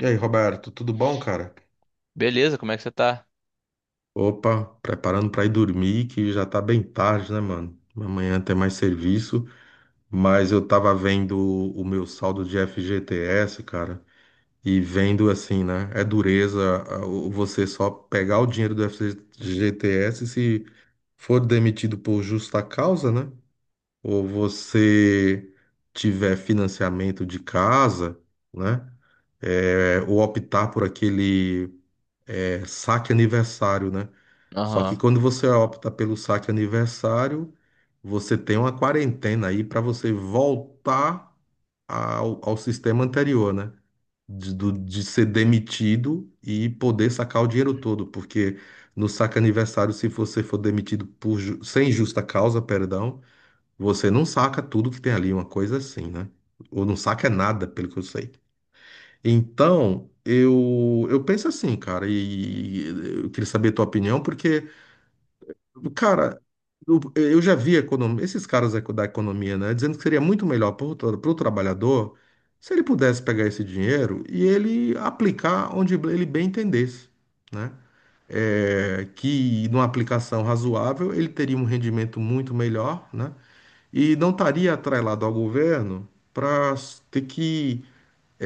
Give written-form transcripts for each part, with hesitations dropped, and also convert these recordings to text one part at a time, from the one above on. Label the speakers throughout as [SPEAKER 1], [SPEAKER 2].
[SPEAKER 1] E aí, Roberto, tudo bom, cara?
[SPEAKER 2] Beleza, como é que você tá?
[SPEAKER 1] Opa, preparando pra ir dormir, que já tá bem tarde, né, mano? Amanhã tem mais serviço, mas eu tava vendo o meu saldo de FGTS, cara, e vendo assim, né? É dureza você só pegar o dinheiro do FGTS se for demitido por justa causa, né? Ou você tiver financiamento de casa, né? É, ou optar por aquele. É saque aniversário, né? Só que
[SPEAKER 2] Aham.
[SPEAKER 1] quando você opta pelo saque aniversário, você tem uma quarentena aí para você voltar ao sistema anterior, né? De ser demitido e poder sacar o dinheiro todo, porque no saque aniversário, se você for demitido por, sem justa causa, perdão, você não saca tudo que tem ali, uma coisa assim, né? Ou não saca nada, pelo que eu sei. Então, eu penso assim, cara, e eu queria saber a tua opinião, porque, cara, eu já vi esses caras da economia, né, dizendo que seria muito melhor para o trabalhador se ele pudesse pegar esse dinheiro e ele aplicar onde ele bem entendesse, né? É, que numa aplicação razoável ele teria um rendimento muito melhor, né? E não estaria atrelado ao governo para ter que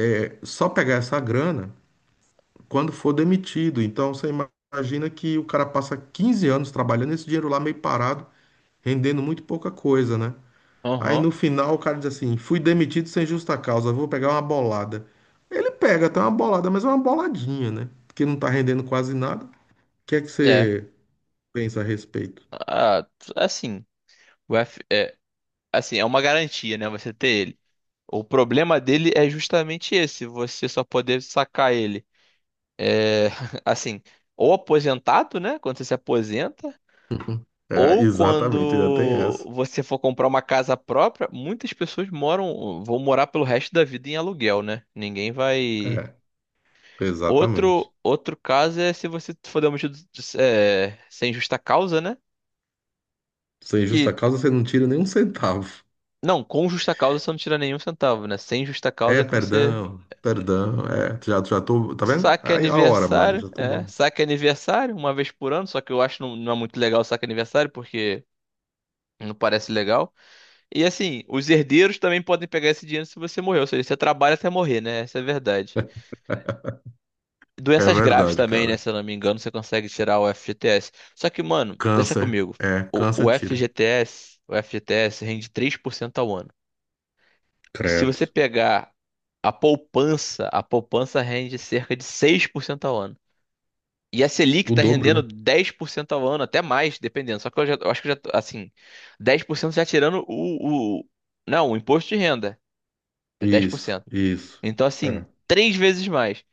[SPEAKER 1] é, só pegar essa grana quando for demitido. Então você imagina que o cara passa 15 anos trabalhando esse dinheiro lá meio parado, rendendo muito pouca coisa, né? Aí no
[SPEAKER 2] Aham.
[SPEAKER 1] final o cara diz assim: fui demitido sem justa causa, vou pegar uma bolada. Ele pega até uma bolada, mas é uma boladinha, né? Porque não tá rendendo quase nada. O que é que
[SPEAKER 2] É.
[SPEAKER 1] você pensa a respeito?
[SPEAKER 2] Ah, assim, o F é, assim, é uma garantia, né, você ter ele. O problema dele é justamente esse: você só poder sacar ele. É, assim, ou aposentado, né, quando você se aposenta,
[SPEAKER 1] É,
[SPEAKER 2] ou
[SPEAKER 1] exatamente, ainda tem
[SPEAKER 2] quando
[SPEAKER 1] essa.
[SPEAKER 2] você for comprar uma casa própria. Muitas pessoas moram, vão morar pelo resto da vida em aluguel, né? Ninguém vai.
[SPEAKER 1] É, exatamente.
[SPEAKER 2] Outro, outro caso é se você for demitido, é, sem justa causa, né?
[SPEAKER 1] Sem justa
[SPEAKER 2] que
[SPEAKER 1] causa você não tira nem um centavo.
[SPEAKER 2] Não, com justa causa você não tira nenhum centavo, né? Sem justa
[SPEAKER 1] É,
[SPEAKER 2] causa que você
[SPEAKER 1] perdão, perdão. É, já, já tô. Tá vendo?
[SPEAKER 2] saque
[SPEAKER 1] Aí a hora, mano,
[SPEAKER 2] aniversário,
[SPEAKER 1] já tô bom.
[SPEAKER 2] saque aniversário uma vez por ano, só que eu acho não, não é muito legal o saque aniversário porque não parece legal. E assim, os herdeiros também podem pegar esse dinheiro se você morrer, ou seja, você trabalha até morrer, né? Essa é a verdade.
[SPEAKER 1] É
[SPEAKER 2] Doenças graves
[SPEAKER 1] verdade,
[SPEAKER 2] também, né?
[SPEAKER 1] cara.
[SPEAKER 2] Se eu não me engano, você consegue tirar o FGTS. Só que, mano, pensa
[SPEAKER 1] Câncer.
[SPEAKER 2] comigo.
[SPEAKER 1] É, câncer
[SPEAKER 2] O,
[SPEAKER 1] tira.
[SPEAKER 2] o FGTS, o FGTS rende 3% ao ano. Se
[SPEAKER 1] Credo.
[SPEAKER 2] você pegar a poupança rende cerca de 6% ao ano. E a Selic
[SPEAKER 1] O
[SPEAKER 2] está
[SPEAKER 1] dobro,
[SPEAKER 2] rendendo
[SPEAKER 1] né?
[SPEAKER 2] 10% ao ano, até mais, dependendo. Só que eu já, eu acho que eu já, tô, assim, 10% já tirando não, o imposto de renda, é dez por
[SPEAKER 1] Isso,
[SPEAKER 2] cento
[SPEAKER 1] isso.
[SPEAKER 2] Então,
[SPEAKER 1] É,
[SPEAKER 2] assim, três vezes mais.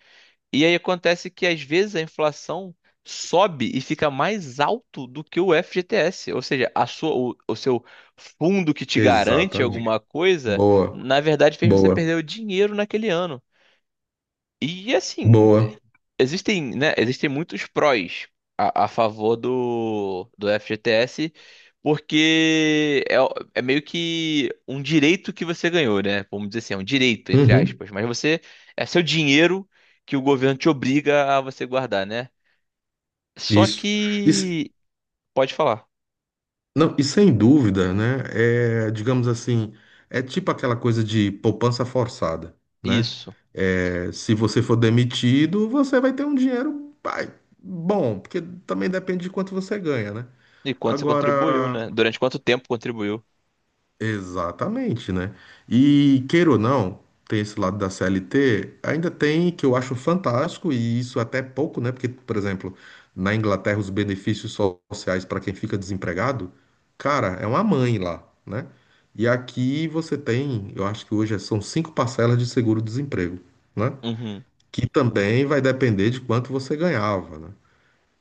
[SPEAKER 2] E aí acontece que às vezes a inflação sobe e fica mais alto do que o FGTS, ou seja, a sua, o seu fundo que te garante
[SPEAKER 1] exatamente.
[SPEAKER 2] alguma coisa,
[SPEAKER 1] Boa,
[SPEAKER 2] na verdade fez você
[SPEAKER 1] boa,
[SPEAKER 2] perder o dinheiro naquele ano. E assim,
[SPEAKER 1] boa.
[SPEAKER 2] existem, né, existem muitos prós a favor do FGTS, porque é meio que um direito que você ganhou, né? Vamos dizer assim, é um direito, entre
[SPEAKER 1] Uhum,
[SPEAKER 2] aspas, mas você é seu dinheiro que o governo te obriga a você guardar, né? Só
[SPEAKER 1] isso. Isso,
[SPEAKER 2] que pode falar.
[SPEAKER 1] não, e sem dúvida, né? É, digamos assim, é tipo aquela coisa de poupança forçada, né?
[SPEAKER 2] Isso.
[SPEAKER 1] É, se você for demitido, você vai ter um dinheiro, pai, bom, porque também depende de quanto você ganha, né?
[SPEAKER 2] E quanto você contribuiu,
[SPEAKER 1] Agora,
[SPEAKER 2] né? Durante quanto tempo contribuiu?
[SPEAKER 1] exatamente, né? E queira ou não, tem esse lado da CLT, ainda tem que eu acho fantástico, e isso até é pouco, né? Porque, por exemplo, na Inglaterra, os benefícios sociais para quem fica desempregado, cara, é uma mãe lá, né? E aqui você tem, eu acho que hoje são cinco parcelas de seguro-desemprego, né?
[SPEAKER 2] Uhum.
[SPEAKER 1] Que também vai depender de quanto você ganhava, né?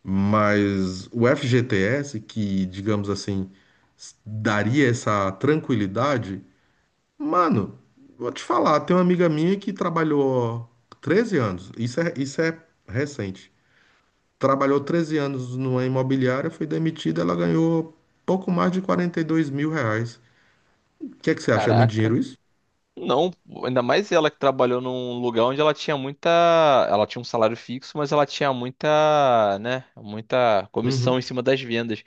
[SPEAKER 1] Mas o FGTS, que, digamos assim, s- daria essa tranquilidade. Mano, vou te falar, tem uma amiga minha que trabalhou 13 anos, isso é recente. Trabalhou 13 anos numa imobiliária, foi demitida, ela ganhou pouco mais de R$ 42.000. O que é que você acha? É muito
[SPEAKER 2] Caraca.
[SPEAKER 1] dinheiro isso?
[SPEAKER 2] Não, ainda mais ela, que trabalhou num lugar onde ela tinha muita. Ela tinha um salário fixo, mas ela tinha muita, né? Muita comissão
[SPEAKER 1] Uhum.
[SPEAKER 2] em cima das vendas.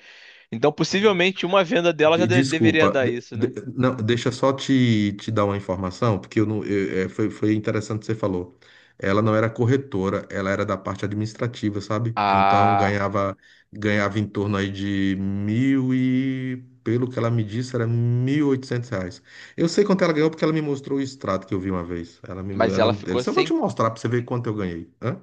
[SPEAKER 2] Então, possivelmente, uma venda dela já deveria
[SPEAKER 1] Desculpa,
[SPEAKER 2] dar isso, né?
[SPEAKER 1] não, deixa só te dar uma informação, porque eu não, é, foi interessante o que você falou. Ela não era corretora, ela era da parte administrativa, sabe? Então
[SPEAKER 2] Ah,
[SPEAKER 1] ganhava em torno aí de mil e, pelo que ela me disse, era R$ 1.800. Eu sei quanto ela ganhou porque ela me mostrou o extrato que eu vi uma vez.
[SPEAKER 2] mas ela
[SPEAKER 1] Ela
[SPEAKER 2] ficou
[SPEAKER 1] disse, eu vou te
[SPEAKER 2] sem.
[SPEAKER 1] mostrar pra você ver quanto eu ganhei. Hã?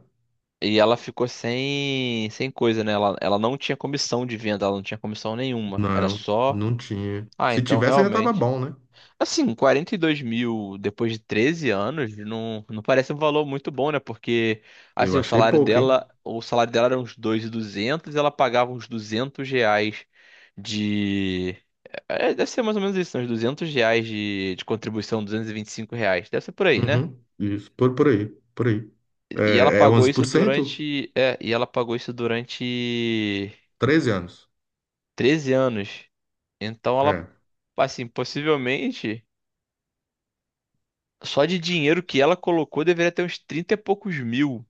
[SPEAKER 2] E ela ficou sem coisa, né? Ela não tinha comissão de venda, ela não tinha comissão nenhuma. Era
[SPEAKER 1] Não,
[SPEAKER 2] só.
[SPEAKER 1] não tinha.
[SPEAKER 2] Ah,
[SPEAKER 1] Se
[SPEAKER 2] então
[SPEAKER 1] tivesse ainda tava
[SPEAKER 2] realmente.
[SPEAKER 1] bom, né?
[SPEAKER 2] Assim, 42 mil depois de 13 anos não, não parece um valor muito bom, né? Porque,
[SPEAKER 1] Eu
[SPEAKER 2] assim,
[SPEAKER 1] achei pouco, hein?
[SPEAKER 2] o salário dela era uns 2.200, ela pagava uns R$ 200 de deve ser mais ou menos isso, né? Uns R$ 200 de contribuição, R$ 225. Deve ser por aí, né?
[SPEAKER 1] Uhum, isso, por aí, por aí.
[SPEAKER 2] E ela
[SPEAKER 1] É, é
[SPEAKER 2] pagou
[SPEAKER 1] onze
[SPEAKER 2] isso
[SPEAKER 1] por cento
[SPEAKER 2] durante. É, e ela pagou isso durante
[SPEAKER 1] 13 anos.
[SPEAKER 2] 13 anos. Então, ela,
[SPEAKER 1] É.
[SPEAKER 2] assim, possivelmente só de dinheiro que ela colocou deveria ter uns 30 e poucos mil.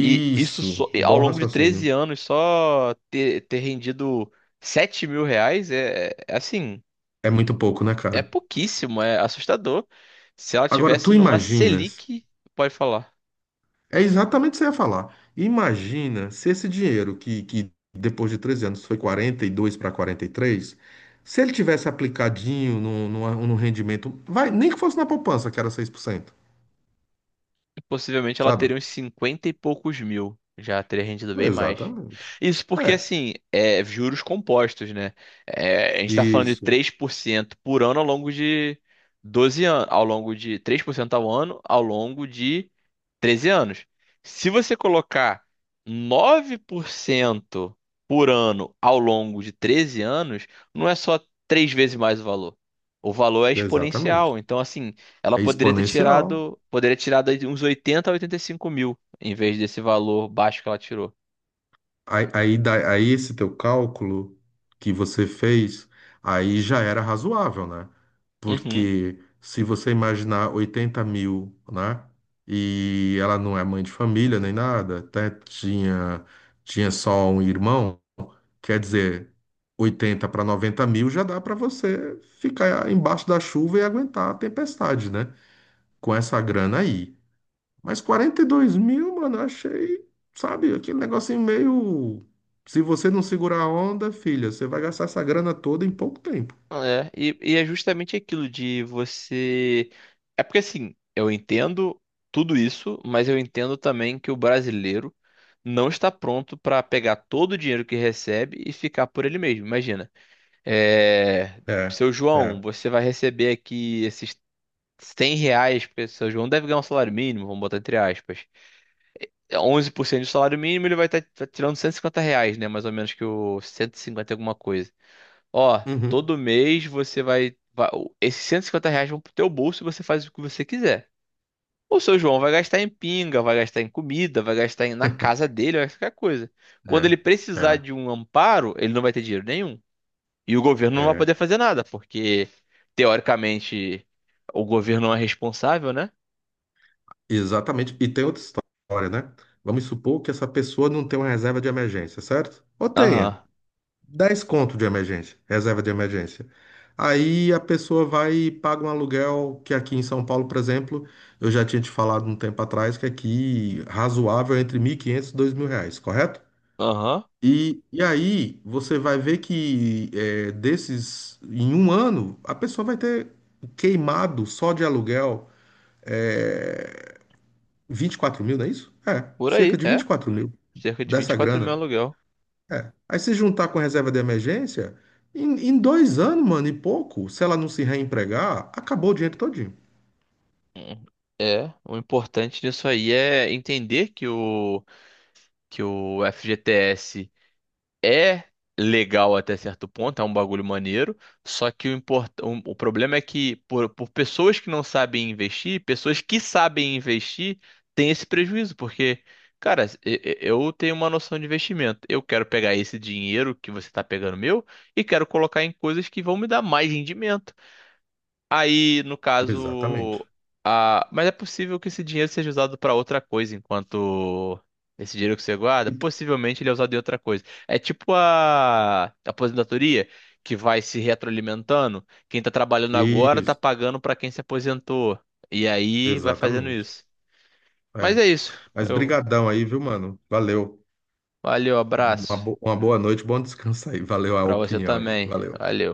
[SPEAKER 2] E isso só, e ao
[SPEAKER 1] bom
[SPEAKER 2] longo de 13
[SPEAKER 1] raciocínio.
[SPEAKER 2] anos só ter rendido 7 mil reais é assim,
[SPEAKER 1] É muito pouco, né,
[SPEAKER 2] é
[SPEAKER 1] cara?
[SPEAKER 2] pouquíssimo, é assustador. Se ela
[SPEAKER 1] Agora,
[SPEAKER 2] tivesse
[SPEAKER 1] tu
[SPEAKER 2] numa
[SPEAKER 1] imaginas,
[SPEAKER 2] Selic. Pode falar.
[SPEAKER 1] é exatamente o que você ia falar. Imagina se esse dinheiro, que depois de 13 anos foi 42 para 43, se ele tivesse aplicadinho no, num rendimento, vai, nem que fosse na poupança, que era 6%,
[SPEAKER 2] Possivelmente ela
[SPEAKER 1] sabe?
[SPEAKER 2] teria uns 50 e poucos mil. Já teria rendido bem mais.
[SPEAKER 1] Exatamente.
[SPEAKER 2] Isso porque,
[SPEAKER 1] É,
[SPEAKER 2] assim, é juros compostos, né? É, a gente tá falando de
[SPEAKER 1] isso,
[SPEAKER 2] 3% por ano ao longo de 12 anos. Ao longo de 3% ao ano ao longo de 13 anos. Se você colocar 9% por ano ao longo de 13 anos, não é só três vezes mais o valor. O valor é
[SPEAKER 1] exatamente.
[SPEAKER 2] exponencial. Então, assim, ela
[SPEAKER 1] É exponencial.
[SPEAKER 2] poderia ter tirado aí de uns 80 a 85 mil, em vez desse valor baixo que ela tirou.
[SPEAKER 1] Aí esse teu cálculo que você fez, aí já era razoável, né?
[SPEAKER 2] Uhum.
[SPEAKER 1] Porque se você imaginar 80.000, né? E ela não é mãe de família nem nada, até tinha, tinha só um irmão, quer dizer, 80 para 90.000 já dá para você ficar embaixo da chuva e aguentar a tempestade, né? Com essa grana aí. Mas 42.000, mano, eu achei, sabe, aquele negocinho meio. Se você não segurar a onda, filha, você vai gastar essa grana toda em pouco tempo.
[SPEAKER 2] É, e é justamente aquilo de você. É porque assim, eu entendo tudo isso, mas eu entendo também que o brasileiro não está pronto para pegar todo o dinheiro que recebe e ficar por ele mesmo. Imagina, é...
[SPEAKER 1] É,
[SPEAKER 2] seu João,
[SPEAKER 1] é.
[SPEAKER 2] você vai receber aqui esses 100 reais, porque seu João deve ganhar um salário mínimo, vamos botar entre aspas. 11% do salário mínimo, ele vai estar tirando R$ 150, né? Mais ou menos que o 150 e cinquenta e alguma coisa. Ó,
[SPEAKER 1] Uhum.
[SPEAKER 2] todo mês você vai. Esses R$ 150 vão pro teu bolso e você faz o que você quiser. O seu João vai gastar em pinga, vai gastar em comida, vai gastar na casa dele, vai gastar em qualquer coisa. Quando
[SPEAKER 1] É,
[SPEAKER 2] ele precisar
[SPEAKER 1] é,
[SPEAKER 2] de um amparo, ele não vai ter dinheiro nenhum. E o governo não vai
[SPEAKER 1] é.
[SPEAKER 2] poder fazer nada, porque, teoricamente, o governo não é responsável, né?
[SPEAKER 1] Exatamente. E tem outra história, né? Vamos supor que essa pessoa não tem uma reserva de emergência, certo? Ou
[SPEAKER 2] Aham.
[SPEAKER 1] tenha. Dez conto de emergência, reserva de emergência. Aí a pessoa vai e paga um aluguel que aqui em São Paulo, por exemplo, eu já tinha te falado um tempo atrás que aqui razoável é entre 1.500 e R$ 2.000, correto?
[SPEAKER 2] Aham.
[SPEAKER 1] E aí você vai ver que é, desses, em um ano, a pessoa vai ter queimado só de aluguel é, 24.000, não é isso? É,
[SPEAKER 2] Por
[SPEAKER 1] cerca
[SPEAKER 2] aí,
[SPEAKER 1] de vinte e
[SPEAKER 2] é.
[SPEAKER 1] quatro mil
[SPEAKER 2] Cerca de
[SPEAKER 1] dessa
[SPEAKER 2] 24 mil
[SPEAKER 1] grana.
[SPEAKER 2] aluguel.
[SPEAKER 1] É. Aí se juntar com a reserva de emergência, em 2 anos, mano, e pouco, se ela não se reempregar, acabou o dinheiro todinho.
[SPEAKER 2] Hum. É, o importante disso aí é entender que o FGTS é legal até certo ponto, é um bagulho maneiro, só que o problema é que por pessoas que não sabem investir, pessoas que sabem investir têm esse prejuízo, porque, cara, eu tenho uma noção de investimento, eu quero pegar esse dinheiro que você está pegando meu e quero colocar em coisas que vão me dar mais rendimento. Aí, no
[SPEAKER 1] Exatamente.
[SPEAKER 2] caso, mas é possível que esse dinheiro seja usado para outra coisa, enquanto esse dinheiro que você guarda,
[SPEAKER 1] E-
[SPEAKER 2] possivelmente ele é usado em outra coisa. É tipo a aposentadoria, que vai se retroalimentando. Quem tá trabalhando agora tá
[SPEAKER 1] Isso,
[SPEAKER 2] pagando para quem se aposentou. E aí vai fazendo
[SPEAKER 1] exatamente.
[SPEAKER 2] isso. Mas
[SPEAKER 1] É.
[SPEAKER 2] é isso.
[SPEAKER 1] Mas
[SPEAKER 2] Eu...
[SPEAKER 1] brigadão aí, viu, mano? Valeu.
[SPEAKER 2] Valeu, abraço.
[SPEAKER 1] Uma boa noite, bom descanso aí. Valeu a
[SPEAKER 2] Para você
[SPEAKER 1] opinião aí.
[SPEAKER 2] também.
[SPEAKER 1] Valeu.
[SPEAKER 2] Valeu.